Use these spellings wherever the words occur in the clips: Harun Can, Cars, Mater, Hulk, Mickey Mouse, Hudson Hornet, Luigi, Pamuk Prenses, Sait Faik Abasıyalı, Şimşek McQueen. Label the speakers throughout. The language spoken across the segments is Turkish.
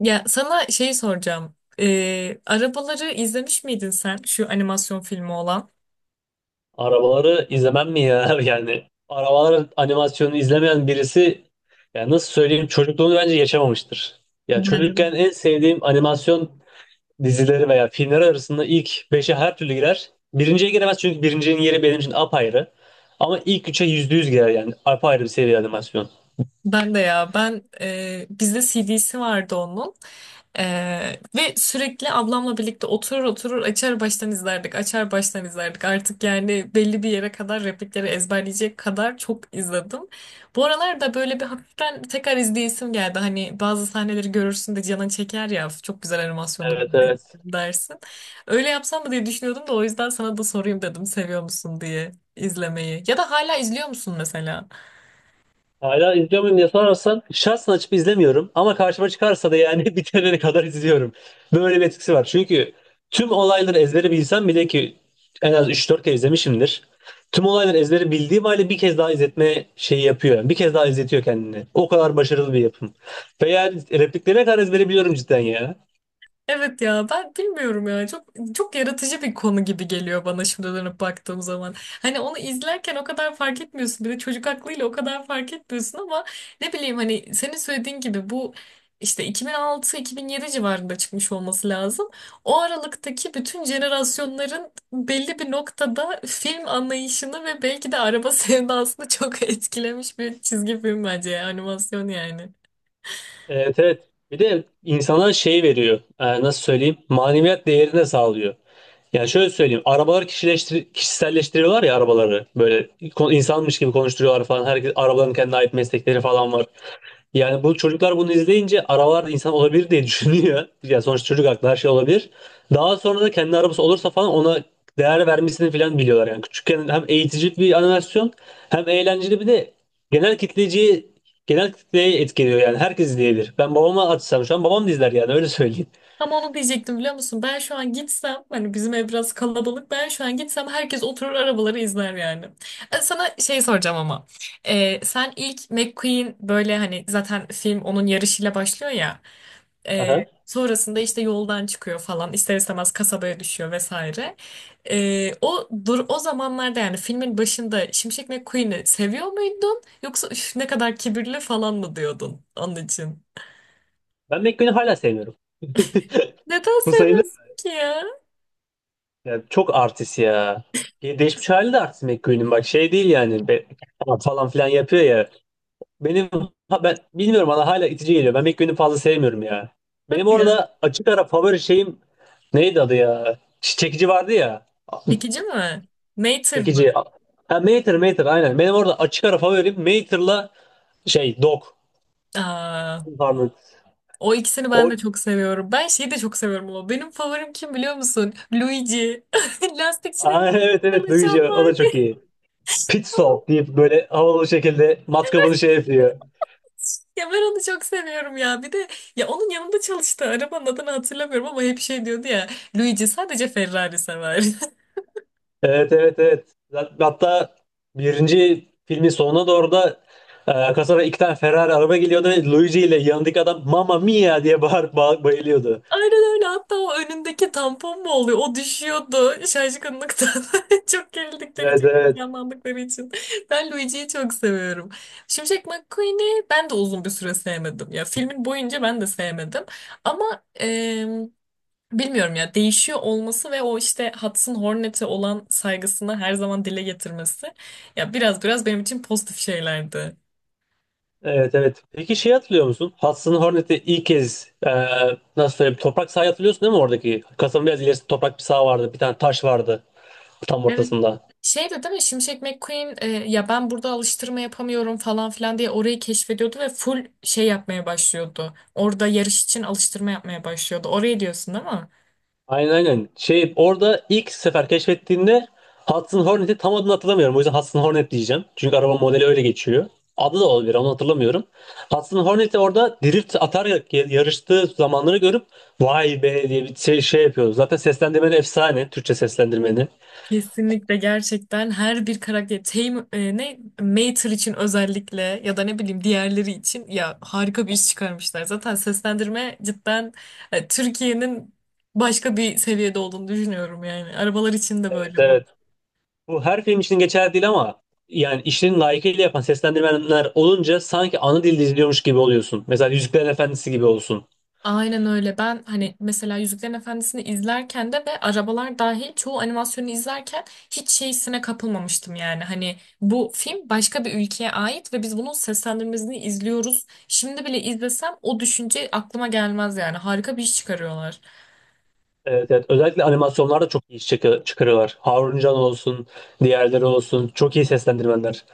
Speaker 1: Ya sana şeyi soracağım. Arabaları izlemiş miydin sen? Şu animasyon filmi olan.
Speaker 2: Arabaları izlemem mi ya? Yani arabalar animasyonunu izlemeyen birisi yani nasıl söyleyeyim çocukluğunu bence yaşamamıştır. Ya
Speaker 1: Nerede?
Speaker 2: çocukken en sevdiğim animasyon dizileri veya filmleri arasında ilk beşe her türlü girer. Birinciye giremez çünkü birincinin yeri benim için apayrı. Ama ilk 3'e %100 girer yani apayrı bir seviye animasyon.
Speaker 1: Ben de ya ben bizde CD'si vardı onun. E, Ve sürekli ablamla birlikte oturur oturur açar baştan izlerdik, açar baştan izlerdik, artık yani belli bir yere kadar replikleri ezberleyecek kadar çok izledim. Bu aralar da böyle bir hafiften tekrar izleyesim geldi, hani bazı sahneleri görürsün de canın çeker ya, çok güzel animasyonu
Speaker 2: Evet evet.
Speaker 1: dersin. Öyle yapsam mı diye düşünüyordum da o yüzden sana da sorayım dedim, seviyor musun diye izlemeyi ya da hala izliyor musun mesela?
Speaker 2: Hala izliyor muyum diye sorarsan şahsen açıp izlemiyorum ama karşıma çıkarsa da yani bitirene kadar izliyorum. Böyle bir etkisi var. Çünkü tüm olayları ezbere bilsem bile ki en az 3-4 kere izlemişimdir. Tüm olayları ezbere bildiğim halde bir kez daha izletme şeyi yapıyor. Yani bir kez daha izletiyor kendini. O kadar başarılı bir yapım. Ve yani repliklerine kadar ezbere biliyorum cidden ya.
Speaker 1: Evet ya, ben bilmiyorum ya, çok çok yaratıcı bir konu gibi geliyor bana şimdi dönüp baktığım zaman. Hani onu izlerken o kadar fark etmiyorsun, bir de çocuk aklıyla o kadar fark etmiyorsun ama ne bileyim, hani senin söylediğin gibi bu işte 2006-2007 civarında çıkmış olması lazım. O aralıktaki bütün jenerasyonların belli bir noktada film anlayışını ve belki de araba sevdasını çok etkilemiş bir çizgi film bence ya, animasyon yani.
Speaker 2: Evet evet. Bir de insana şey veriyor. Nasıl söyleyeyim? Maneviyat değerini de sağlıyor. Yani şöyle söyleyeyim. Arabaları kişiselleştiriyorlar ya arabaları. Böyle insanmış gibi konuşturuyorlar falan. Herkes arabaların kendine ait meslekleri falan var. Yani bu çocuklar bunu izleyince arabalar da insan olabilir diye düşünüyor. Yani sonuçta çocuk aklı her şey olabilir. Daha sonra da kendi arabası olursa falan ona değer vermesini falan biliyorlar. Yani küçükken hem eğitici bir animasyon hem eğlenceli bir de genel kitleciyi genel kitleyi etkiliyor yani herkes izleyebilir. Ben babama açsam şu an babam da izler yani öyle söyleyeyim.
Speaker 1: Tam onu diyecektim, biliyor musun? Ben şu an gitsem hani bizim ev biraz kalabalık. Ben şu an gitsem herkes oturur arabaları izler yani. Sana şey soracağım ama. Sen ilk McQueen böyle hani zaten film onun yarışıyla başlıyor ya. E,
Speaker 2: Aha.
Speaker 1: Sonrasında işte yoldan çıkıyor falan, ister istemez kasabaya düşüyor vesaire. O dur, o zamanlarda yani filmin başında Şimşek McQueen'i seviyor muydun? Yoksa "Üf, ne kadar kibirli" falan mı diyordun onun için?
Speaker 2: Ben McQueen'i hala sevmiyorum.
Speaker 1: Neden
Speaker 2: Bu sayılır.
Speaker 1: seviyorsun ki ya?
Speaker 2: Ya çok artist ya. Ya değişmiş hali de artist McQueen'in. Bak şey değil yani. Falan filan yapıyor ya. Benim ha, ben bilmiyorum, bana hala itici geliyor. Ben McQueen'i fazla sevmiyorum ya. Benim
Speaker 1: Hadi ya.
Speaker 2: orada açık ara favori şeyim neydi adı ya? Çekici vardı ya.
Speaker 1: Çekici mi? Mater mı?
Speaker 2: Çekici. Ha, Mater Mater aynen. Benim orada açık ara favorim Mater'la şey Dog.
Speaker 1: Aa,
Speaker 2: Pardon.
Speaker 1: o ikisini ben
Speaker 2: O,
Speaker 1: de çok seviyorum. Ben şeyi de çok seviyorum ama benim favorim kim biliyor musun? Luigi. Lastikçinin
Speaker 2: Aa, evet evet
Speaker 1: çalışan
Speaker 2: duyucu. O
Speaker 1: var.
Speaker 2: da çok iyi. Pit Stop deyip böyle havalı bir şekilde matkabını şey yapıyor.
Speaker 1: Ya ben onu çok seviyorum ya. Bir de ya onun yanında çalıştı. Arabanın adını hatırlamıyorum ama hep şey diyordu ya. Luigi sadece Ferrari sever.
Speaker 2: Evet evet evet. Hatta birinci filmin sonuna doğru da kasaba iki tane Ferrari araba geliyordu ve Luigi ile yanındaki adam Mamma Mia diye bağırıp bayılıyordu.
Speaker 1: Aynen öyle. Hatta o önündeki tampon mu oluyor? O düşüyordu şaşkınlıktan. Çok gerildikleri,
Speaker 2: Evet
Speaker 1: çok
Speaker 2: evet.
Speaker 1: heyecanlandıkları için. Ben Luigi'yi çok seviyorum. Şimşek McQueen'i ben de uzun bir süre sevmedim. Ya filmin boyunca ben de sevmedim. Ama bilmiyorum ya, değişiyor olması ve o işte Hudson Hornet'e olan saygısını her zaman dile getirmesi, ya biraz biraz benim için pozitif şeylerdi.
Speaker 2: Evet evet. Peki şey hatırlıyor musun? Hudson Hornet'i ilk kez nasıl söyleyeyim, toprak sahayı hatırlıyorsun değil mi oradaki? Kasanın biraz ilerisinde toprak bir saha vardı. Bir tane taş vardı tam
Speaker 1: Evet.
Speaker 2: ortasında.
Speaker 1: Şey de değil mi? Şimşek McQueen, ya ben burada alıştırma yapamıyorum falan filan diye orayı keşfediyordu ve full şey yapmaya başlıyordu. Orada yarış için alıştırma yapmaya başlıyordu. Orayı diyorsun değil mi?
Speaker 2: Aynen aynen. Şey, orada ilk sefer keşfettiğinde Hudson Hornet'i, tam adını hatırlamıyorum. O yüzden Hudson Hornet diyeceğim. Çünkü araba modeli öyle geçiyor. Adı da olabilir, onu hatırlamıyorum. Hudson Hornet'i orada drift atarak ya yarıştığı zamanları görüp vay be diye bir şey, şey yapıyoruz. Zaten seslendirmeni efsane. Türkçe seslendirmeni.
Speaker 1: Kesinlikle, gerçekten her bir karakter Tame, ne Mater için özellikle ya da ne bileyim diğerleri için, ya harika bir iş çıkarmışlar. Zaten seslendirme cidden Türkiye'nin başka bir seviyede olduğunu düşünüyorum yani. Arabalar için de
Speaker 2: Evet,
Speaker 1: böyle bu.
Speaker 2: evet. Bu her film için geçerli değil ama yani işlerini layıkıyla yapan seslendirmenler olunca sanki ana dilde izliyormuş gibi oluyorsun. Mesela Yüzüklerin Efendisi gibi olsun.
Speaker 1: Aynen öyle. Ben hani mesela Yüzüklerin Efendisi'ni izlerken de ve arabalar dahil çoğu animasyonu izlerken hiç şeysine kapılmamıştım yani. Hani bu film başka bir ülkeye ait ve biz bunun seslendirmesini izliyoruz. Şimdi bile izlesem o düşünce aklıma gelmez yani. Harika bir iş çıkarıyorlar.
Speaker 2: Evet, evet. Özellikle animasyonlarda çok iyi iş çıkarıyorlar. Harun Can olsun, diğerleri olsun. Çok iyi seslendirmenler.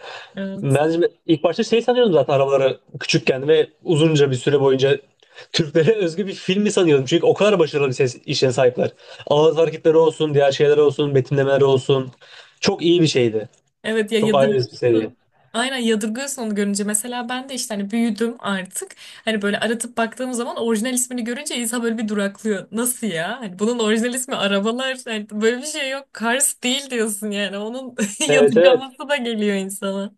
Speaker 2: Ben ilk başta şey sanıyordum zaten arabaları, küçükken ve uzunca bir süre boyunca Türklere özgü bir film mi sanıyordum. Çünkü o kadar başarılı bir ses işe sahipler. Ağız hareketleri olsun, diğer şeyler olsun, betimlemeler olsun. Çok iyi bir şeydi.
Speaker 1: Evet ya,
Speaker 2: Çok ayrı bir seviye.
Speaker 1: yadırgıyorsun. Aynen, yadırgıyorsun onu görünce. Mesela ben de işte hani büyüdüm artık. Hani böyle aratıp baktığım zaman orijinal ismini görünce insan böyle bir duraklıyor. Nasıl ya? Hani bunun orijinal ismi arabalar. Hani böyle bir şey yok. Cars değil diyorsun yani. Onun
Speaker 2: Evet evet.
Speaker 1: yadırgaması da geliyor insana.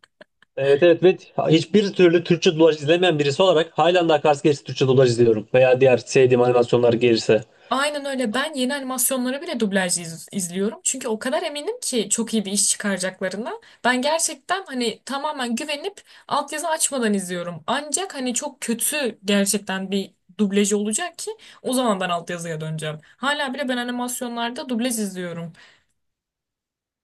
Speaker 2: Evet evet ve hiçbir türlü Türkçe dublaj izlemeyen birisi olarak halen daha Cars gerisi Türkçe dublaj izliyorum. Veya diğer sevdiğim animasyonlar gelirse.
Speaker 1: Aynen öyle. Ben yeni animasyonları bile dublaj izliyorum. Çünkü o kadar eminim ki çok iyi bir iş çıkaracaklarına. Ben gerçekten hani tamamen güvenip altyazı açmadan izliyorum. Ancak hani çok kötü gerçekten bir dublajı olacak ki, o zaman ben altyazıya döneceğim. Hala bile ben animasyonlarda dublaj izliyorum.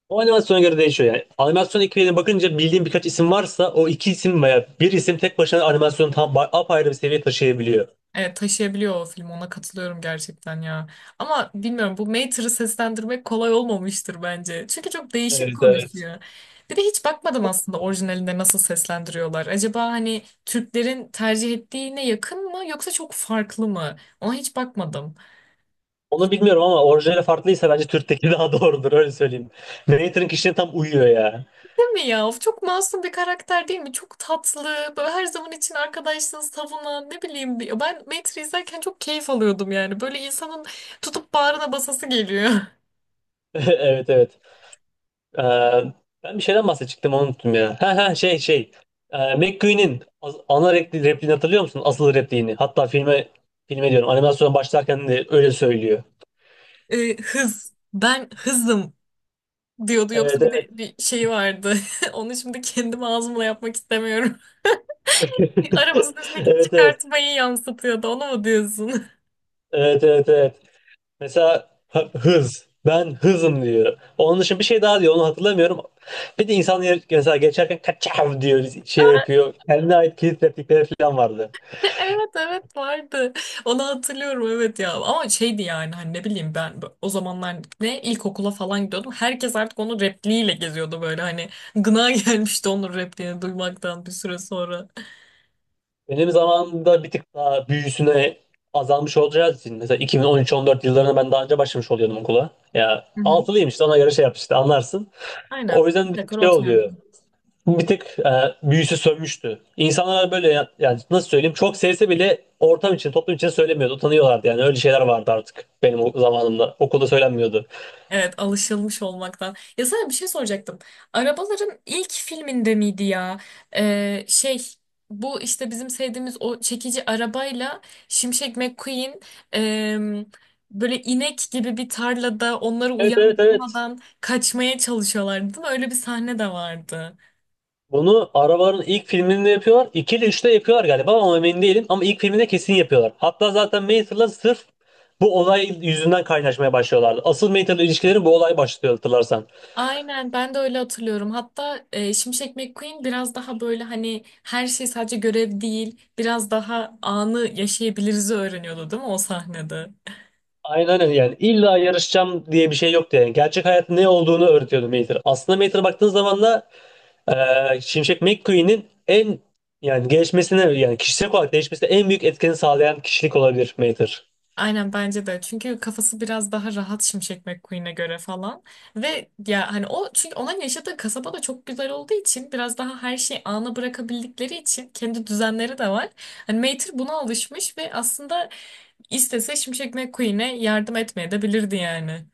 Speaker 2: O animasyona göre değişiyor yani. Animasyon ekibine bakınca bildiğim birkaç isim varsa o iki isim veya bir isim tek başına animasyonu tam apayrı bir seviye taşıyabiliyor.
Speaker 1: Evet, taşıyabiliyor o film, ona katılıyorum gerçekten ya. Ama bilmiyorum, bu Mater'ı seslendirmek kolay olmamıştır bence. Çünkü çok değişik
Speaker 2: Evet evet.
Speaker 1: konuşuyor. Bir de hiç bakmadım aslında orijinalinde nasıl seslendiriyorlar. Acaba hani Türklerin tercih ettiğine yakın mı yoksa çok farklı mı? Ona hiç bakmadım.
Speaker 2: Onu bilmiyorum ama orijinali farklıysa bence Türk'teki daha doğrudur, öyle söyleyeyim. Narrator'ın kişiliğine tam uyuyor ya.
Speaker 1: Değil mi ya? Of, çok masum bir karakter değil mi? Çok tatlı. Böyle her zaman için arkadaşlığını savunan, ne bileyim. Ben Mater'ı izlerken çok keyif alıyordum yani. Böyle insanın tutup bağrına basası geliyor.
Speaker 2: Evet evet. Ee, Ben bir şeyden bahsedecektim, onu unuttum ya. Ha ha, şey şey. McQueen'in ana repliğini hatırlıyor musun? Asıl repliğini. Hatta filme, filme diyorum animasyona, başlarken de öyle söylüyor.
Speaker 1: Hız. Ben hızım diyordu. Yoksa
Speaker 2: Evet
Speaker 1: bir de
Speaker 2: evet.
Speaker 1: bir şeyi vardı. Onu şimdi kendim ağzımla yapmak istemiyorum. Arabasının üstündeki
Speaker 2: Evet evet.
Speaker 1: çıkartmayı yansıtıyordu. Onu mu diyorsun?
Speaker 2: Evet evet evet. Mesela hız. Ben hızım diyor. Onun dışında bir şey daha diyor. Onu hatırlamıyorum. Bir de insan mesela geçerken kaçav diyor. Şey yapıyor. Kendine ait kilit replikleri falan vardı.
Speaker 1: Evet evet, vardı. Onu hatırlıyorum, evet ya. Ama şeydi yani hani, ne bileyim ben, o zamanlar ne ilkokula falan gidiyordum. Herkes artık onun repliğiyle geziyordu böyle, hani gına gelmişti onun repliğini duymaktan bir süre sonra.
Speaker 2: Benim zamanımda bir tık daha büyüsüne azalmış olacağı için. Mesela 2013-14 yıllarında ben daha önce başlamış oluyordum okula. Ya
Speaker 1: Hı hı.
Speaker 2: altılıyım işte, ona göre şey yap işte, anlarsın.
Speaker 1: Aynen.
Speaker 2: O
Speaker 1: Bir
Speaker 2: yüzden bir tık
Speaker 1: dakika.
Speaker 2: şey oluyor. Bir tık büyüsü sönmüştü. İnsanlar böyle yani nasıl söyleyeyim, çok sevse bile ortam için, toplum için söylemiyordu. Utanıyorlardı, yani öyle şeyler vardı artık benim o zamanımda. Okulda söylenmiyordu.
Speaker 1: Evet, alışılmış olmaktan. Ya sana bir şey soracaktım. Arabaların ilk filminde miydi ya? Şey, bu işte bizim sevdiğimiz o çekici arabayla Şimşek McQueen, em, böyle inek gibi bir tarlada onları
Speaker 2: Evet evet evet.
Speaker 1: uyandırmadan kaçmaya çalışıyorlardı, değil mi? Öyle bir sahne de vardı.
Speaker 2: Bunu arabaların ilk filminde yapıyorlar. 2 ile 3'te yapıyorlar galiba ama emin değilim. Ama ilk filminde kesin yapıyorlar. Hatta zaten Mayther'la sırf bu olay yüzünden kaynaşmaya başlıyorlardı. Asıl Mayther'la ilişkileri bu olay başlıyor, hatırlarsan.
Speaker 1: Aynen, ben de öyle hatırlıyorum. Hatta Şimşek McQueen biraz daha böyle hani her şey sadece görev değil, biraz daha anı yaşayabiliriz öğreniyordu, değil mi o sahnede?
Speaker 2: Aynen öyle, yani illa yarışacağım diye bir şey yoktu yani. Gerçek hayatın ne olduğunu öğretiyordu Mater. Aslında Mater'a baktığın zaman da Şimşek McQueen'in yani gelişmesine, yani kişisel olarak değişmesine en büyük etkeni sağlayan kişilik olabilir Mater.
Speaker 1: Aynen bence de. Çünkü kafası biraz daha rahat Şimşek McQueen'e göre falan. Ve ya hani o, çünkü onun yaşadığı kasaba da çok güzel olduğu için biraz daha her şeyi ana bırakabildikleri için kendi düzenleri de var. Hani Mater buna alışmış ve aslında istese Şimşek McQueen'e yardım etmeye de bilirdi yani.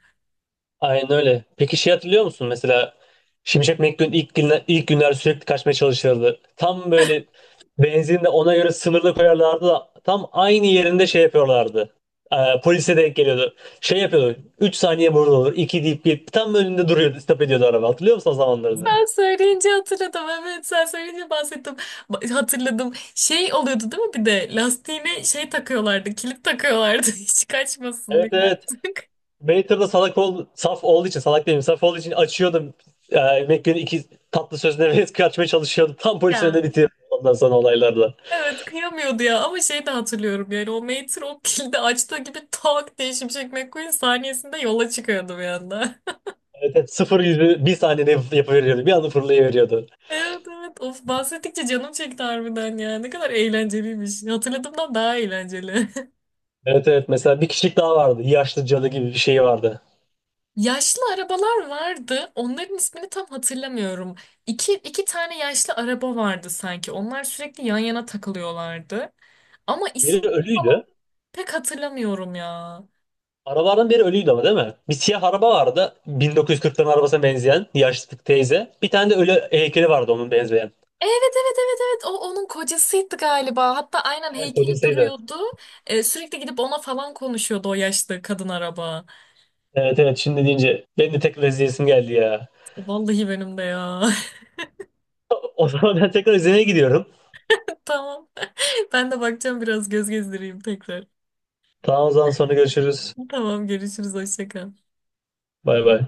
Speaker 2: Aynen öyle. Peki şey hatırlıyor musun, mesela Şimşek McQueen ilk günler sürekli kaçmaya çalışırdı. Tam böyle benzin de ona göre sınırlı koyarlardı da tam aynı yerinde şey yapıyorlardı. Polise denk geliyordu. Şey yapıyordu. 3 saniye burada olur. 2 deyip bir tam önünde duruyordu. Stop ediyordu araba. Hatırlıyor musun o zamanlarını?
Speaker 1: Sen söyleyince hatırladım. Evet, sen söyleyince bahsettim. Hatırladım. Şey oluyordu değil mi, bir de lastiğine şey takıyorlardı. Kilit takıyorlardı. Hiç kaçmasın
Speaker 2: Evet
Speaker 1: diye
Speaker 2: evet.
Speaker 1: artık.
Speaker 2: Waiter'da saf olduğu için, salak değilim saf olduğu için açıyordum. E, Mac'in iki tatlı sözüne ve kaçmaya çalışıyordum. Tam polisin önüne
Speaker 1: Ya.
Speaker 2: bitiyordum ondan sonra olaylarla.
Speaker 1: Evet, kıyamıyordu ya, ama şey de hatırlıyorum yani, o Mater o kilidi açtığı gibi tak diye Şimşek McQueen saniyesinde yola çıkıyordu bir anda.
Speaker 2: Evet, evet, sıfır yüzü bir saniyede yapıveriyordu. Bir anda fırlayıveriyordu.
Speaker 1: Evet evet, of, bahsettikçe canım çekti harbiden ya, ne kadar eğlenceliymiş, hatırladığımdan daha eğlenceli.
Speaker 2: Evet evet mesela bir kişilik daha vardı. Yaşlı cadı gibi bir şey vardı.
Speaker 1: Yaşlı arabalar vardı, onların ismini tam hatırlamıyorum. İki tane yaşlı araba vardı sanki, onlar sürekli yan yana takılıyorlardı ama isim
Speaker 2: Biri
Speaker 1: falan
Speaker 2: ölüydü.
Speaker 1: pek hatırlamıyorum ya.
Speaker 2: Arabalardan biri ölüydü ama değil mi? Bir siyah araba vardı. 1940'ların arabasına benzeyen yaşlı teyze. Bir tane de ölü heykeli vardı onun benzeyen.
Speaker 1: Evet evet evet evet, o onun kocasıydı galiba. Hatta aynen
Speaker 2: Evet
Speaker 1: heykeli
Speaker 2: kocasıydı.
Speaker 1: duruyordu. Sürekli gidip ona falan konuşuyordu o yaşlı kadın araba.
Speaker 2: Evet evet şimdi deyince benim de tek izleyesim geldi ya.
Speaker 1: Vallahi benim de ya.
Speaker 2: O zaman ben tekrar izlemeye gidiyorum.
Speaker 1: Tamam. Ben de bakacağım, biraz göz gezdireyim tekrar.
Speaker 2: Tamam o zaman sonra görüşürüz.
Speaker 1: Tamam, görüşürüz, hoşça kal.
Speaker 2: Bay bay.